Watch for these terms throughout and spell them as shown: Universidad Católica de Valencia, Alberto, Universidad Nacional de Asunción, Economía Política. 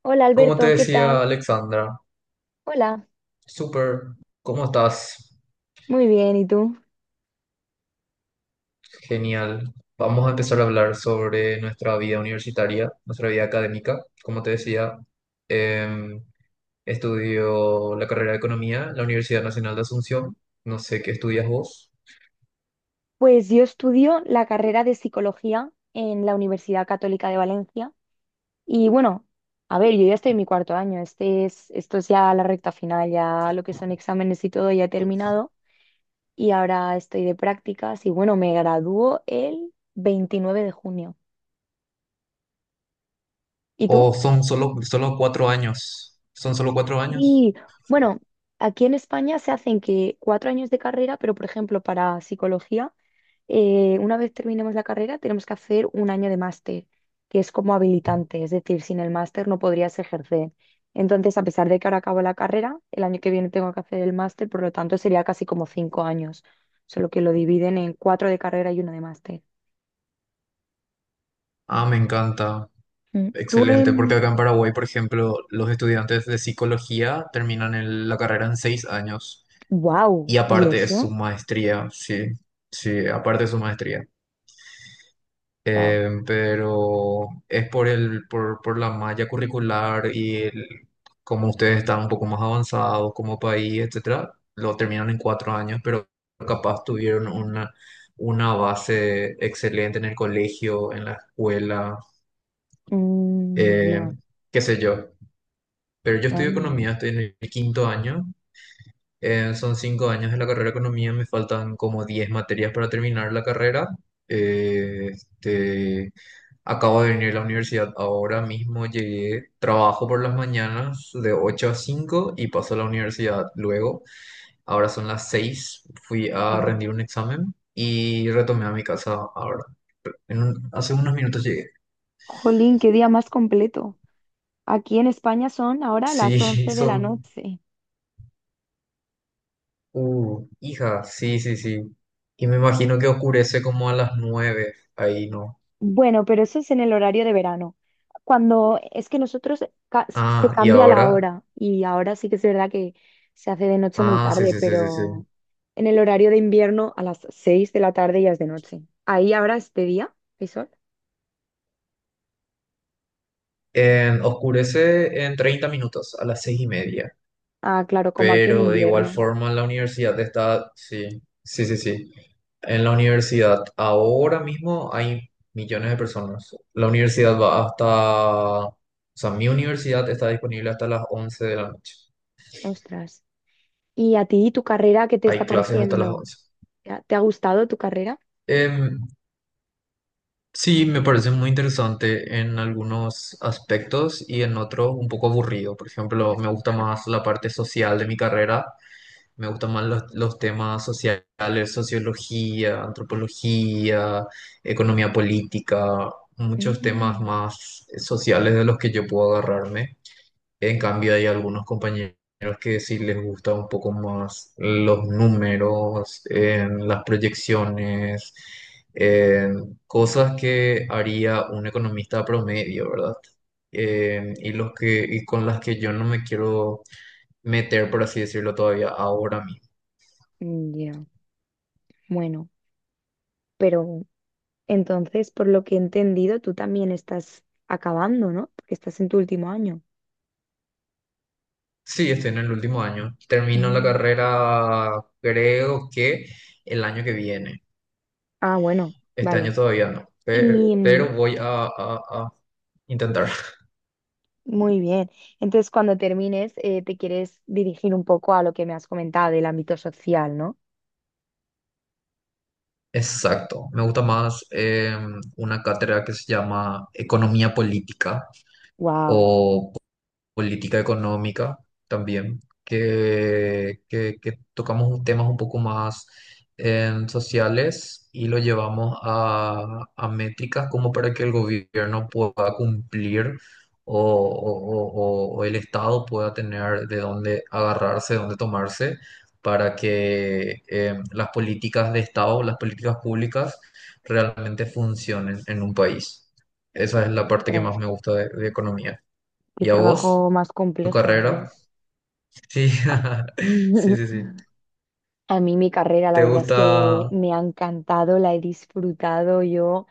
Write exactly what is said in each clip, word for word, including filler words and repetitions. Hola Como te Alberto, ¿qué decía tal? Alexandra, Hola, súper, ¿cómo estás? muy bien, ¿y tú? Genial. Vamos a empezar a hablar sobre nuestra vida universitaria, nuestra vida académica. Como te decía, em, estudio la carrera de Economía en la Universidad Nacional de Asunción. No sé qué estudias vos. Pues yo estudio la carrera de psicología en la Universidad Católica de Valencia y bueno, a ver, yo ya estoy en mi cuarto año, este es, esto es ya la recta final, ya lo que son exámenes y todo ya he terminado y ahora estoy de prácticas y bueno, me gradúo el veintinueve de junio. ¿Y tú? ¿O son solo, solo cuatro años? ¿Son solo cuatro años? Y bueno, aquí en España se hacen que cuatro años de carrera, pero por ejemplo para psicología, eh, una vez terminemos la carrera tenemos que hacer un año de máster, que es como habilitante, es decir, sin el máster no podrías ejercer. Entonces, a pesar de que ahora acabo la carrera, el año que viene tengo que hacer el máster, por lo tanto sería casi como cinco años, solo que lo dividen en cuatro de carrera y uno de máster. Ah, me encanta. Mm. Tú Excelente, porque en... acá en Paraguay, por ejemplo, los estudiantes de psicología terminan el- la carrera en seis años. Y ¡Wow! ¿Y aparte de su eso? maestría, sí, sí, aparte de su maestría. ¡Wow! Eh, pero es por el, por, por la malla curricular y el, como ustedes están un poco más avanzados como país, etcétera, lo terminan en cuatro años, pero capaz tuvieron una, una base excelente en el colegio, en la escuela, Mm, eh, ya. qué sé yo. Pero yo estudio Anda. economía, estoy en el quinto año. Eh, son cinco años de la carrera de economía, me faltan como diez materias para terminar la carrera. Eh, este, acabo de venir a la universidad ahora mismo, llegué, trabajo por las mañanas de ocho a cinco y paso a la universidad luego. Ahora son las seis. Fui a Guau. rendir un examen y retomé a mi casa ahora. En un- hace unos minutos llegué. Jolín, qué día más completo. Aquí en España son ahora las Sí, once de la son. noche. Uh, hija, sí, sí, sí. Y me imagino que oscurece como a las nueve ahí, ¿no? Bueno, pero eso es en el horario de verano. Cuando es que nosotros ca- se Ah, y cambia la ahora. hora y ahora sí que es verdad que se hace de noche muy Ah, sí, tarde, sí, sí, sí, sí. pero en el horario de invierno a las seis de la tarde ya es de noche. Ahí ahora es de día, ¿hay sol? En- oscurece en treinta minutos, a las seis y media. Ah, claro, como aquí en Pero de igual invierno. forma en la universidad está. Sí, sí, sí, sí. En la universidad ahora mismo hay millones de personas. La universidad va hasta. O sea, mi universidad está disponible hasta las once de la noche. Ostras. ¿Y a ti tu carrera qué te Hay está clases hasta las pareciendo? once. ¿Te ha te ha gustado tu carrera? Em, Sí, me parece muy interesante en algunos aspectos y en otros un poco aburrido. Por ejemplo, me gusta más la parte social de mi carrera, me gustan más los, los temas sociales, sociología, antropología, economía política, muchos temas Mm, más sociales de los que yo puedo agarrarme. En cambio, hay algunos compañeros que sí les gusta un poco más los números, en las proyecciones, en cosas que haría un economista promedio, ¿verdad? Eh, y los que, y con las que yo no me quiero meter, por así decirlo, todavía ahora mismo. ya, bueno. Pero entonces, por lo que he entendido, tú también estás acabando, ¿no? Porque estás en tu último año. Sí, estoy en el último año. Termino la Mm. carrera, creo que el año que viene. Ah, bueno, Este año vale. todavía no, pe- Y mm, pero voy a, a- a intentar. muy bien. Entonces, cuando termines, eh, te quieres dirigir un poco a lo que me has comentado del ámbito social, ¿no? Exacto. Me gusta más eh, una cátedra que se llama Economía Política Wow, o política económica también, que, que- que tocamos un- temas un poco más em, sociales y lo llevamos a, a métricas como para que el gobierno pueda cumplir o, o- o- o el Estado pueda tener de dónde agarrarse, de dónde tomarse, para que em, las políticas de Estado, las políticas públicas realmente funcionen en un país. Esa es la parte que más qué me gusta de de economía. ¿Y a vos? trabajo más ¿Tu complejo, carrera? Dios. Sí, sí, sí, sí. A mí mi carrera, la ¿Te verdad es que gusta? me ha encantado, la he disfrutado yo.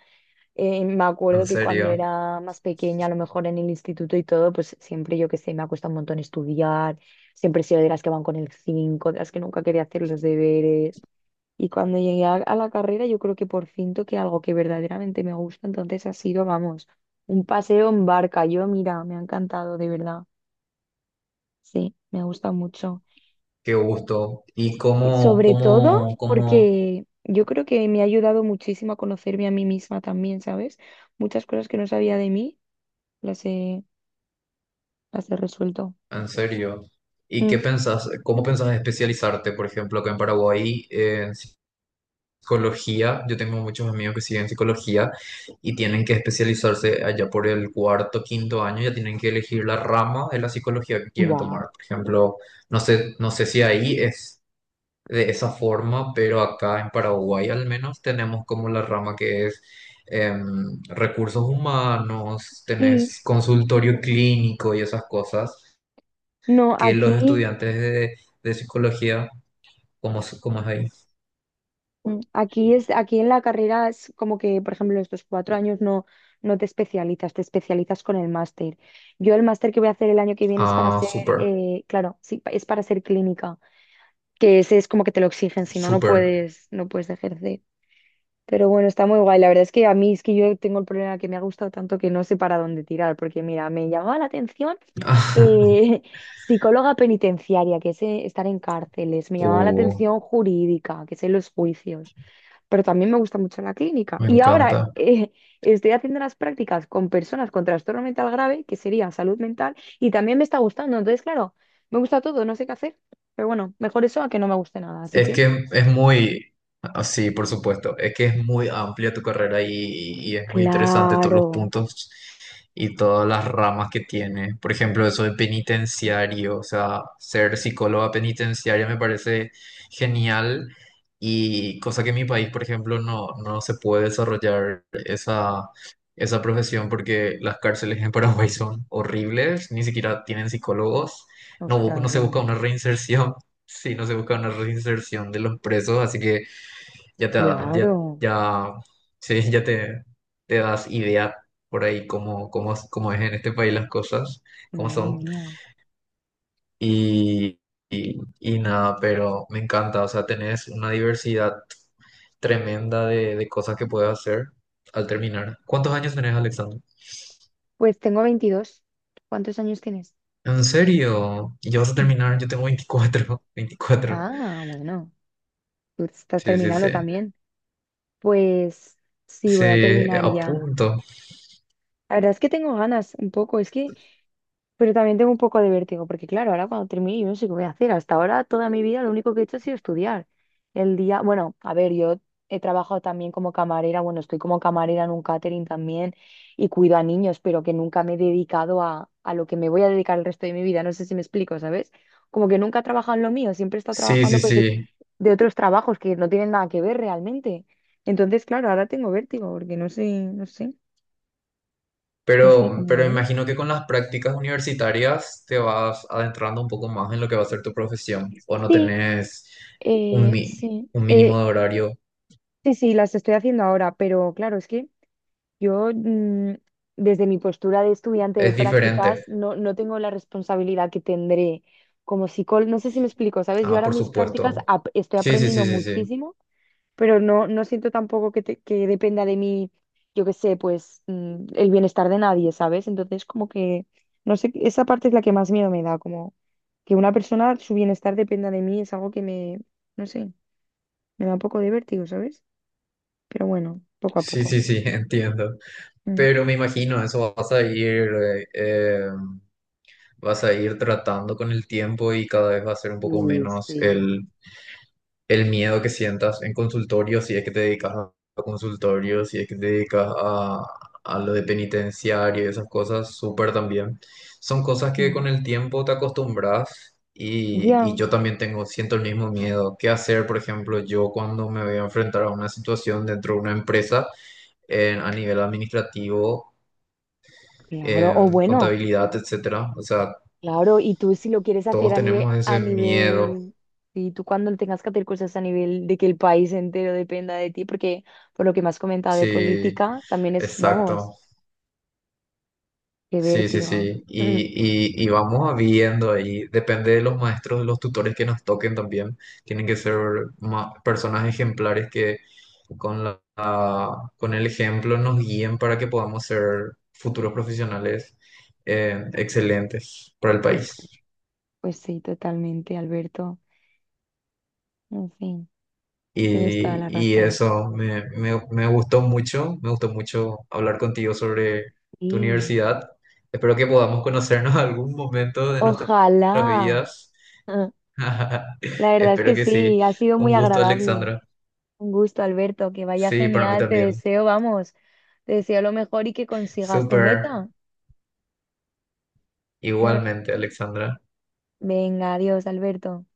Eh, me ¿En acuerdo que cuando serio, era más pequeña, a lo mejor en el instituto y todo, pues siempre yo que sé, me ha costado un montón estudiar, siempre he sido de las que van con el cinco de las que nunca quería hacer los deberes. Y cuando llegué a, a la carrera, yo creo que por fin toqué algo que verdaderamente me gusta, entonces ha sido, vamos, un paseo en barca. Yo, mira, me ha encantado, de verdad. Sí, me gusta mucho. qué gusto? ¿Y Y cómo, sobre todo cómo, cómo, porque yo creo que me ha ayudado muchísimo a conocerme a mí misma también, ¿sabes? Muchas cosas que no sabía de mí. Las he, Ya se resuelto. en serio? ¿Y qué Mm. pensás, cómo pensás especializarte? Por ejemplo, acá en Paraguay, eh, en psicología, yo tengo muchos amigos que siguen psicología y tienen que especializarse allá por el cuarto, quinto año, ya tienen que elegir la rama de la psicología que quieren Wow. tomar. Por ejemplo, no sé, no sé si ahí es de esa forma, pero acá en Paraguay al menos tenemos como la rama que es em, recursos humanos, Sí, tenés consultorio clínico y esas cosas no, que los aquí, estudiantes de, de psicología. ¿Cómo, es- cómo es ahí? mm, aquí es, aquí en la carrera es como que, por ejemplo, estos cuatro años no, no te especializas, te especializas con el máster. Yo el máster que voy a hacer el año que viene es para Ah, ser, súper, eh, claro, sí, pa- es para ser clínica, que ese es como que te lo exigen, si no, no súper. puedes, no puedes ejercer. Pero bueno, está muy guay. La verdad es que a mí es que yo tengo el problema que me ha gustado tanto que no sé para dónde tirar, porque mira, me llamaba la atención. Eh, Psicóloga penitenciaria, que es eh, estar en cárceles. Me llamaba la Uh, atención jurídica, que es en los juicios. Pero también me gusta mucho la clínica. Me Y encanta. ahora eh, estoy haciendo las prácticas con personas con trastorno mental grave, que sería salud mental, y también me está gustando. Entonces, claro, me gusta todo, no sé qué hacer. Pero bueno, mejor eso a que no me guste nada. Así Es que, que es muy, ah, sí, por supuesto, es que es muy amplia tu carrera y, y es muy interesante todos los claro. puntos y todas las ramas que tiene. Por ejemplo, eso de penitenciario, o sea, ser psicóloga penitenciaria me parece genial, y cosa que en mi país, por ejemplo, no, no se puede desarrollar esa, esa profesión porque las cárceles en Paraguay son horribles, ni siquiera tienen psicólogos. No, bu- no Ostras, se ya. busca una reinserción. Sí, no se busca una reinserción de los presos, así que ya te da, ya, Claro. ya, sí, ya te, te das idea por ahí cómo, cómo, cómo es en este país las cosas, cómo Madre son. mía. Y, y, y nada, pero me encanta, o sea, tenés una diversidad tremenda de, de cosas que puedes hacer al terminar. ¿Cuántos años tenés, Alexander? Pues tengo veintidós. ¿Cuántos años tienes? ¿En serio? ¿Y ya vas a Sí. terminar? Yo tengo veinticuatro veinticuatro. Ah, bueno. Tú estás Sí, sí, terminando sí. también. Pues sí, Sí, voy a terminar a ya. punto. La verdad es que tengo ganas un poco. Es que, pero también tengo un poco de vértigo, porque claro, ahora cuando termine yo no sé qué voy a hacer. Hasta ahora toda mi vida lo único que he hecho ha sido estudiar. El día, bueno, a ver, yo he trabajado también como camarera, bueno, estoy como camarera en un catering también y cuido a niños, pero que nunca me he dedicado a, a lo que me voy a dedicar el resto de mi vida. No sé si me explico, ¿sabes? Como que nunca he trabajado en lo mío, siempre he estado Sí, sí, trabajando pues, de, sí. de otros trabajos que no tienen nada que ver realmente. Entonces, claro, ahora tengo vértigo, porque no sé, no sé, no sé Pero, cómo va pero a ir. imagino que con las prácticas universitarias te vas adentrando un poco más en lo que va a ser tu profesión, o no Sí, tenés un, eh, mi- sí. un mínimo Eh, de horario. Sí, sí, las estoy haciendo ahora, pero claro, es que yo mm, desde mi postura de estudiante de Es diferente. prácticas no, no tengo la responsabilidad que tendré como psicólogo. No sé si me explico, ¿sabes? Yo Ah, ahora por mis prácticas supuesto. ap- estoy Sí, sí, aprendiendo sí, sí, sí. muchísimo, pero no, no siento tampoco que, te- que dependa de mí, yo qué sé, pues mm, el bienestar de nadie, ¿sabes? Entonces como que, no sé, esa parte es la que más miedo me da, como que una persona, su bienestar dependa de mí, es algo que me, no sé, me da un poco de vértigo, ¿sabes? Pero bueno, poco a Sí, poco. sí, sí, entiendo. Mm, Pero me imagino, eso vas a ir, eh, eh, vas a ir tratando con el tiempo y cada vez va a ser un poco menos el miedo que sientas en consultorio, si es que te dedicas a a consultorio, si es que te dedicas a, a lo de penitenciario y esas cosas, súper también. Son cosas que mm. con el tiempo te acostumbras, y, y Ya, yo también tengo, siento el mismo miedo. ¿Qué hacer, por ejemplo, yo cuando me voy a enfrentar a una situación dentro de una empresa en- a nivel administrativo, claro, o en bueno, contabilidad, etcétera? O sea, claro, y tú si lo quieres hacer todos a nivel, tenemos a ese miedo. nivel, y tú cuando tengas que hacer cosas a nivel de que el país entero dependa de ti, porque por lo que me has comentado de Sí, política, también es, vamos, exacto. qué Sí, sí, vértigo. sí. Y, Mm, y, y vamos viendo ahí. Depende de los maestros, de los tutores que nos toquen también. Tienen que ser ma- personas ejemplares que con la, la- con el ejemplo nos guíen para que podamos ser futuros profesionales, eh, excelentes para el pues sí, país. pues sí, totalmente, Alberto. En fin, tienes toda Y, la y razón. eso me, me, me gustó mucho. Me gustó mucho hablar contigo sobre tu Sí, universidad. Espero que podamos conocernos algún momento de nuestras ojalá. vidas. Ah, la verdad es Espero que que sí. sí, ha sido muy Un gusto, agradable. Alexandra. Un gusto, Alberto, que vaya Sí, para mí genial, te también. deseo, vamos, te deseo lo mejor y que consigas tu Súper. meta. Igualmente, Alexandra. Venga, adiós, Alberto.